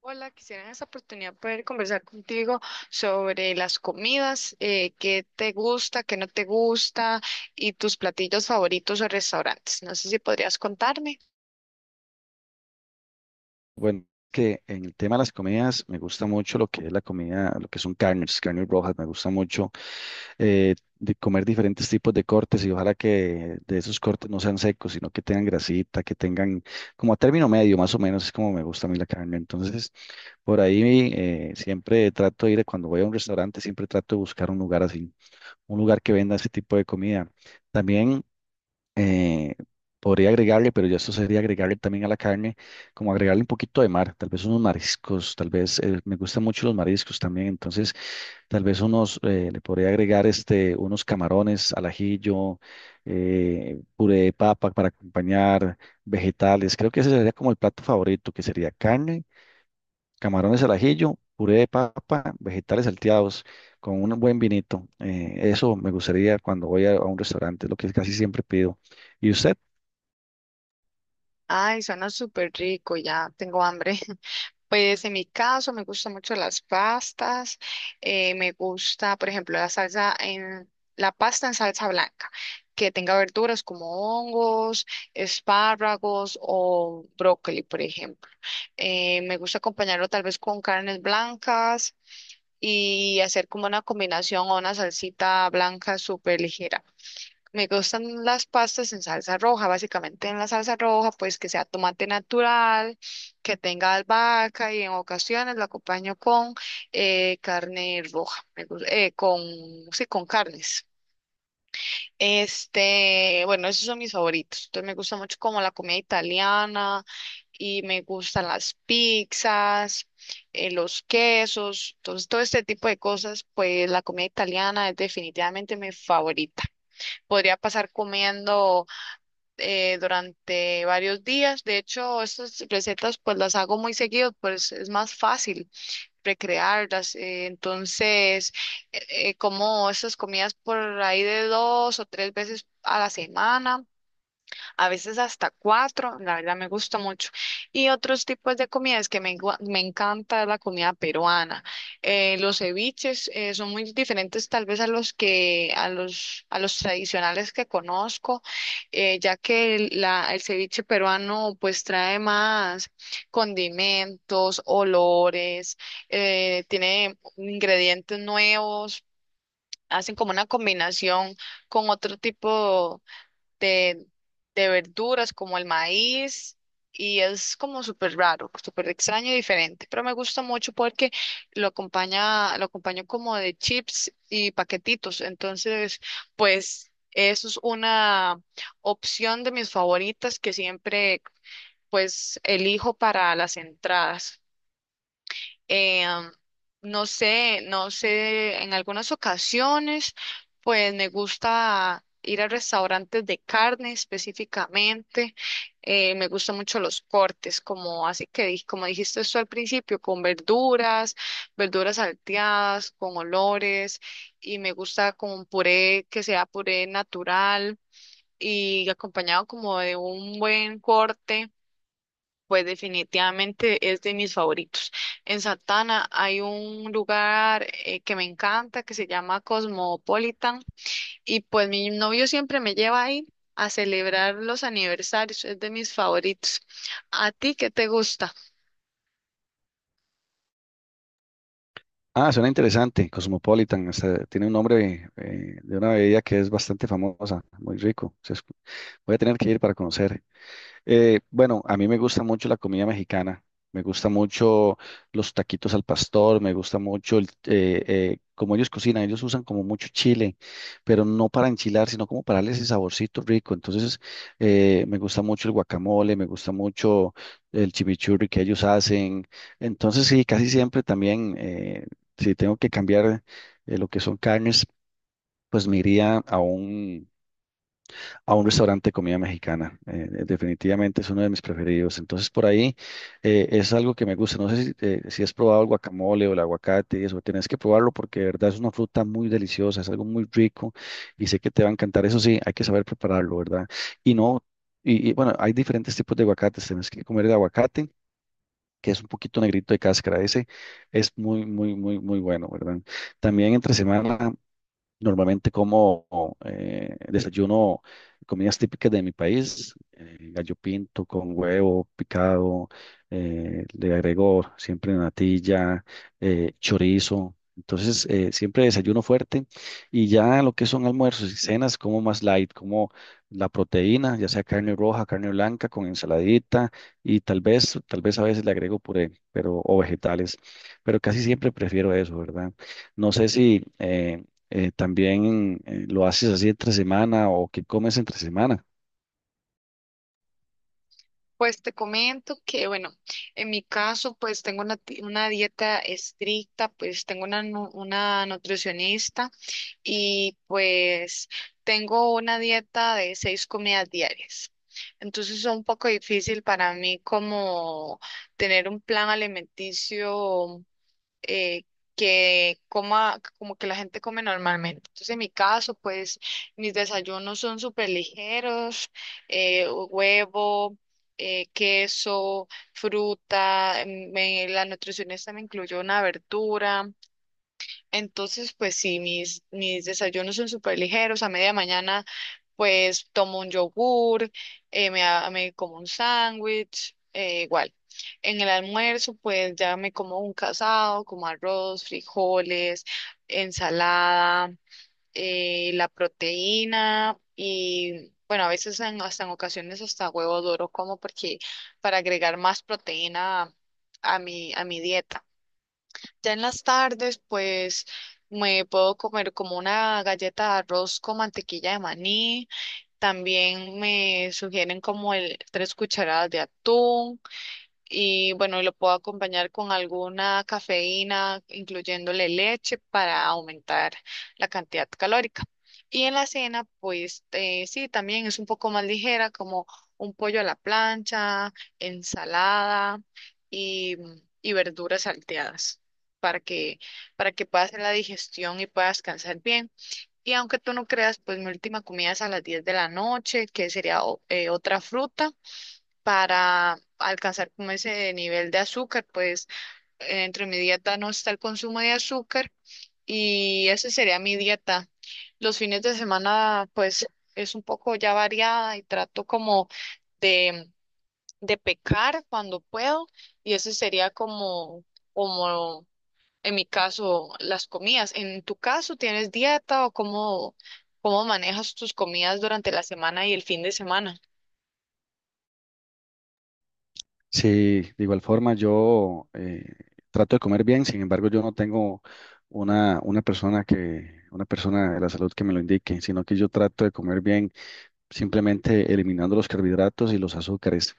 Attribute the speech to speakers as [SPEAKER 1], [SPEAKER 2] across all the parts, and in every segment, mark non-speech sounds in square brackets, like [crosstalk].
[SPEAKER 1] Hola, quisiera en esta oportunidad poder conversar contigo sobre las comidas, qué te gusta, qué no te gusta y tus platillos favoritos o restaurantes. No sé si podrías contarme.
[SPEAKER 2] Bueno, que en el tema de las comidas me gusta mucho lo que es la comida, lo que son carnes, carnes rojas. Me gusta mucho de comer diferentes tipos de cortes y ojalá que de esos cortes no sean secos, sino que tengan grasita, que tengan como a término medio, más o menos, es como me gusta a mí la carne. Entonces, por ahí siempre trato de ir, cuando voy a un restaurante, siempre trato de buscar un lugar así, un lugar que venda ese tipo de comida. También eh, podría agregarle, pero ya esto sería agregarle también a la carne, como agregarle un poquito de mar, tal vez unos mariscos, tal vez, me gustan mucho los mariscos también, entonces tal vez unos, le podría agregar este, unos camarones al ajillo, puré de papa para acompañar vegetales, creo que ese sería como el plato favorito, que sería carne, camarones al ajillo, puré de papa, vegetales salteados. Con un buen vinito. Eso me gustaría cuando voy a un restaurante, es lo que casi siempre pido. ¿Y usted?
[SPEAKER 1] Ay, suena súper rico, ya tengo hambre. [laughs] Pues en mi caso me gustan mucho las pastas, me gusta, por ejemplo, la salsa en la pasta en salsa blanca, que tenga verduras como hongos, espárragos o brócoli, por ejemplo. Me gusta acompañarlo tal vez con carnes blancas y hacer como una combinación o una salsita blanca súper ligera. Me gustan las pastas en salsa roja, básicamente en la salsa roja, pues que sea tomate natural, que tenga albahaca y en ocasiones lo acompaño con carne roja, sí, con carnes. Este, bueno, esos son mis favoritos. Entonces me gusta mucho como la comida italiana y me gustan las pizzas, los quesos, entonces todo este tipo de cosas, pues la comida italiana es definitivamente mi favorita. Podría pasar comiendo durante varios días. De hecho, estas recetas pues las hago muy seguido, pues es más fácil recrearlas. Entonces, como estas comidas por ahí de dos o tres veces a la semana, a veces hasta cuatro, la verdad me gusta mucho. Y otros tipos de comidas que me encanta es la comida peruana. Los ceviches son muy diferentes tal vez a los que, a los tradicionales que conozco, ya que el ceviche peruano pues trae más condimentos, olores, tiene ingredientes nuevos, hacen como una combinación con otro tipo de, de verduras como el maíz, y es como súper raro, súper extraño y diferente, pero me gusta mucho porque lo acompaña, lo acompaño como de chips y paquetitos. Entonces pues eso es una opción de mis favoritas que siempre pues elijo para las entradas. Eh, no sé, en algunas ocasiones, pues me gusta ir a restaurantes de carne específicamente. Me gustan mucho los cortes, como así que di- como dijiste esto al principio, con verduras, verduras salteadas, con olores, y me gusta como un puré que sea puré natural, y acompañado como de un buen corte pues definitivamente es de mis favoritos. En Santana hay un lugar que me encanta, que se llama Cosmopolitan, y pues mi novio siempre me lleva ahí a celebrar los aniversarios, es de mis favoritos. ¿A ti qué te gusta?
[SPEAKER 2] Ah, suena interesante, Cosmopolitan, hasta tiene un nombre de una bebida que es bastante famosa, muy rico. Voy a tener que ir para conocer. Bueno, a mí me gusta mucho la comida mexicana, me gusta mucho los taquitos al pastor, me gusta mucho el, como ellos cocinan, ellos usan como mucho chile, pero no para enchilar, sino como para darle ese saborcito rico. Entonces, me gusta mucho el guacamole, me gusta mucho el chimichurri que ellos hacen. Entonces, sí, casi siempre también, si tengo que cambiar lo que son carnes, pues me iría a un restaurante de comida mexicana. Definitivamente es uno de mis preferidos. Entonces, por ahí es algo que me gusta. No sé si, si has probado el guacamole o el aguacate y eso. Tienes que probarlo porque de verdad es una fruta muy deliciosa, es algo muy rico y sé que te va a encantar. Eso sí, hay que saber prepararlo, ¿verdad? Y no, bueno, hay diferentes tipos de aguacates. Tienes que comer el aguacate que es un poquito negrito de cáscara, ese es muy, muy, muy, muy bueno, ¿verdad? También entre semana normalmente como desayuno comidas típicas de mi país, gallo pinto con huevo picado, le agrego siempre natilla, chorizo. Entonces, siempre desayuno fuerte y ya lo que son almuerzos y cenas, como más light, como la proteína, ya sea carne roja, carne blanca, con ensaladita y tal vez a veces le agrego puré, pero, o vegetales, pero casi siempre prefiero eso, ¿verdad? No sé si también lo haces así entre semana o qué comes entre semana.
[SPEAKER 1] Pues te comento que, bueno, en mi caso pues tengo una dieta estricta, pues tengo una nutricionista. Y pues tengo una dieta de seis comidas diarias. Entonces es un poco difícil para mí como tener un plan alimenticio eh, que coma como que la gente come normalmente. Entonces en mi caso, pues mis desayunos son súper ligeros, huevo, queso, fruta, la nutricionista me incluyó una verdura. Entonces, pues sí, mis desayunos son súper ligeros. A media mañana, pues tomo un yogur, me como un sándwich, igual. En el almuerzo, pues ya me como un casado, como arroz, frijoles, ensalada, la proteína y, bueno, a veces hasta en ocasiones hasta huevo duro, como porque para agregar más proteína a mi dieta. Ya en las tardes, pues me puedo comer como una galleta de arroz con mantequilla de maní. También me sugieren como el tres cucharadas de atún, y bueno, lo puedo acompañar con alguna cafeína, incluyéndole leche para aumentar la cantidad calórica. Y en la cena, pues sí, también es un poco más ligera, como un pollo a la plancha, ensalada y, y verduras salteadas. Para que, para que puedas hacer la digestión y puedas descansar bien. Y aunque tú no creas, pues mi última comida es a las 10 de la noche, que sería otra fruta para alcanzar como ese nivel de azúcar. Pues entre mi dieta no está el consumo de azúcar, y esa sería mi dieta. Los fines de semana pues es un poco ya variada y trato como de, de pecar cuando puedo, y ese sería como, como en mi caso las comidas. En tu caso, ¿tienes dieta o cómo manejas tus comidas durante la semana y el fin de semana?
[SPEAKER 2] Sí, de igual forma yo trato de comer bien, sin embargo yo no tengo una persona que, una persona de la salud que me lo indique, sino que yo trato de comer bien simplemente eliminando los carbohidratos y los azúcares.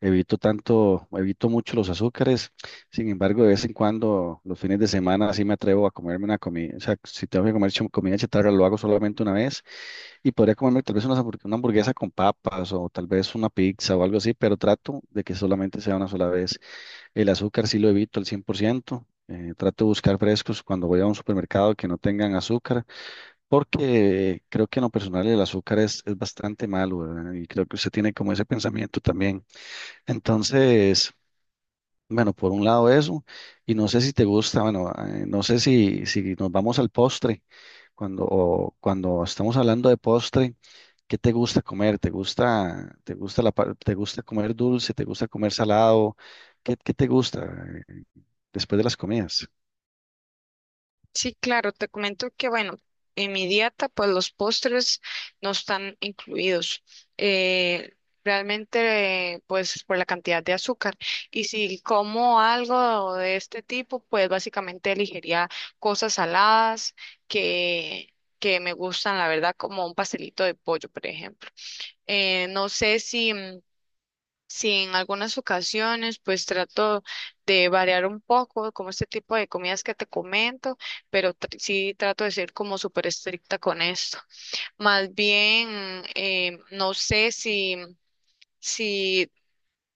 [SPEAKER 2] Evito tanto, evito mucho los azúcares. Sin embargo, de vez en cuando, los fines de semana, sí me atrevo a comerme una comida. O sea, si tengo que comer comida chatarra, lo hago solamente una vez. Y podría comerme tal vez una, una hamburguesa con papas o tal vez una pizza o algo así, pero trato de que solamente sea una sola vez. El azúcar sí lo evito al 100%. Trato de buscar frescos cuando voy a un supermercado que no tengan azúcar porque creo que en lo personal el azúcar es bastante malo, ¿verdad? Y creo que usted tiene como ese pensamiento también. Entonces, bueno, por un lado eso, y no sé si te gusta, bueno, no sé si, si nos vamos al postre, cuando, o cuando estamos hablando de postre, ¿qué te gusta comer? Te gusta la, te gusta comer dulce? ¿Te gusta comer salado? ¿Qué, qué te gusta eh, después de las comidas?
[SPEAKER 1] Sí, claro, te comento que, bueno, en mi dieta pues los postres no están incluidos. Eh, Realmente pues por la cantidad de azúcar. Y si como algo de este tipo, pues básicamente elegiría cosas saladas que, que me gustan, la verdad, como un pastelito de pollo, por ejemplo. No sé si, mm, sí, en algunas ocasiones pues trato de variar un poco como este tipo de comidas que te comento, pero sí trato de ser como súper estricta con esto. Más bien, no sé si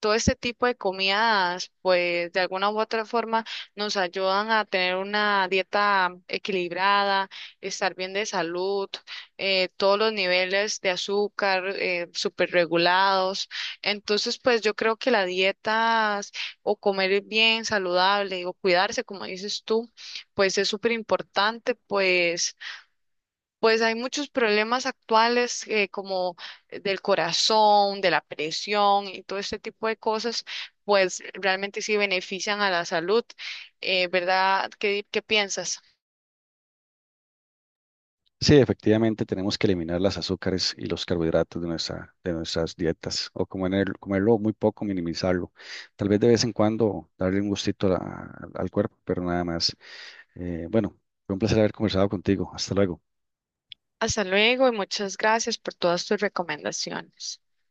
[SPEAKER 1] todo este tipo de comidas, pues de alguna u otra forma nos ayudan a tener una dieta equilibrada, estar bien de salud, todos los niveles de azúcar súper regulados. Entonces, pues yo creo que la dieta o comer bien saludable o cuidarse, como dices tú, pues es súper importante, pues. Pues hay muchos problemas actuales como del corazón, de la presión y todo este tipo de cosas, pues realmente sí benefician a la salud, ¿verdad? ¿Qué piensas?
[SPEAKER 2] Sí, efectivamente tenemos que eliminar las azúcares y los carbohidratos de nuestra, de nuestras dietas o comerlo muy poco, minimizarlo. Tal vez de vez en cuando darle un gustito al cuerpo, pero nada más. Bueno, fue un placer haber conversado contigo. Hasta luego.
[SPEAKER 1] Hasta luego y muchas gracias por todas tus recomendaciones.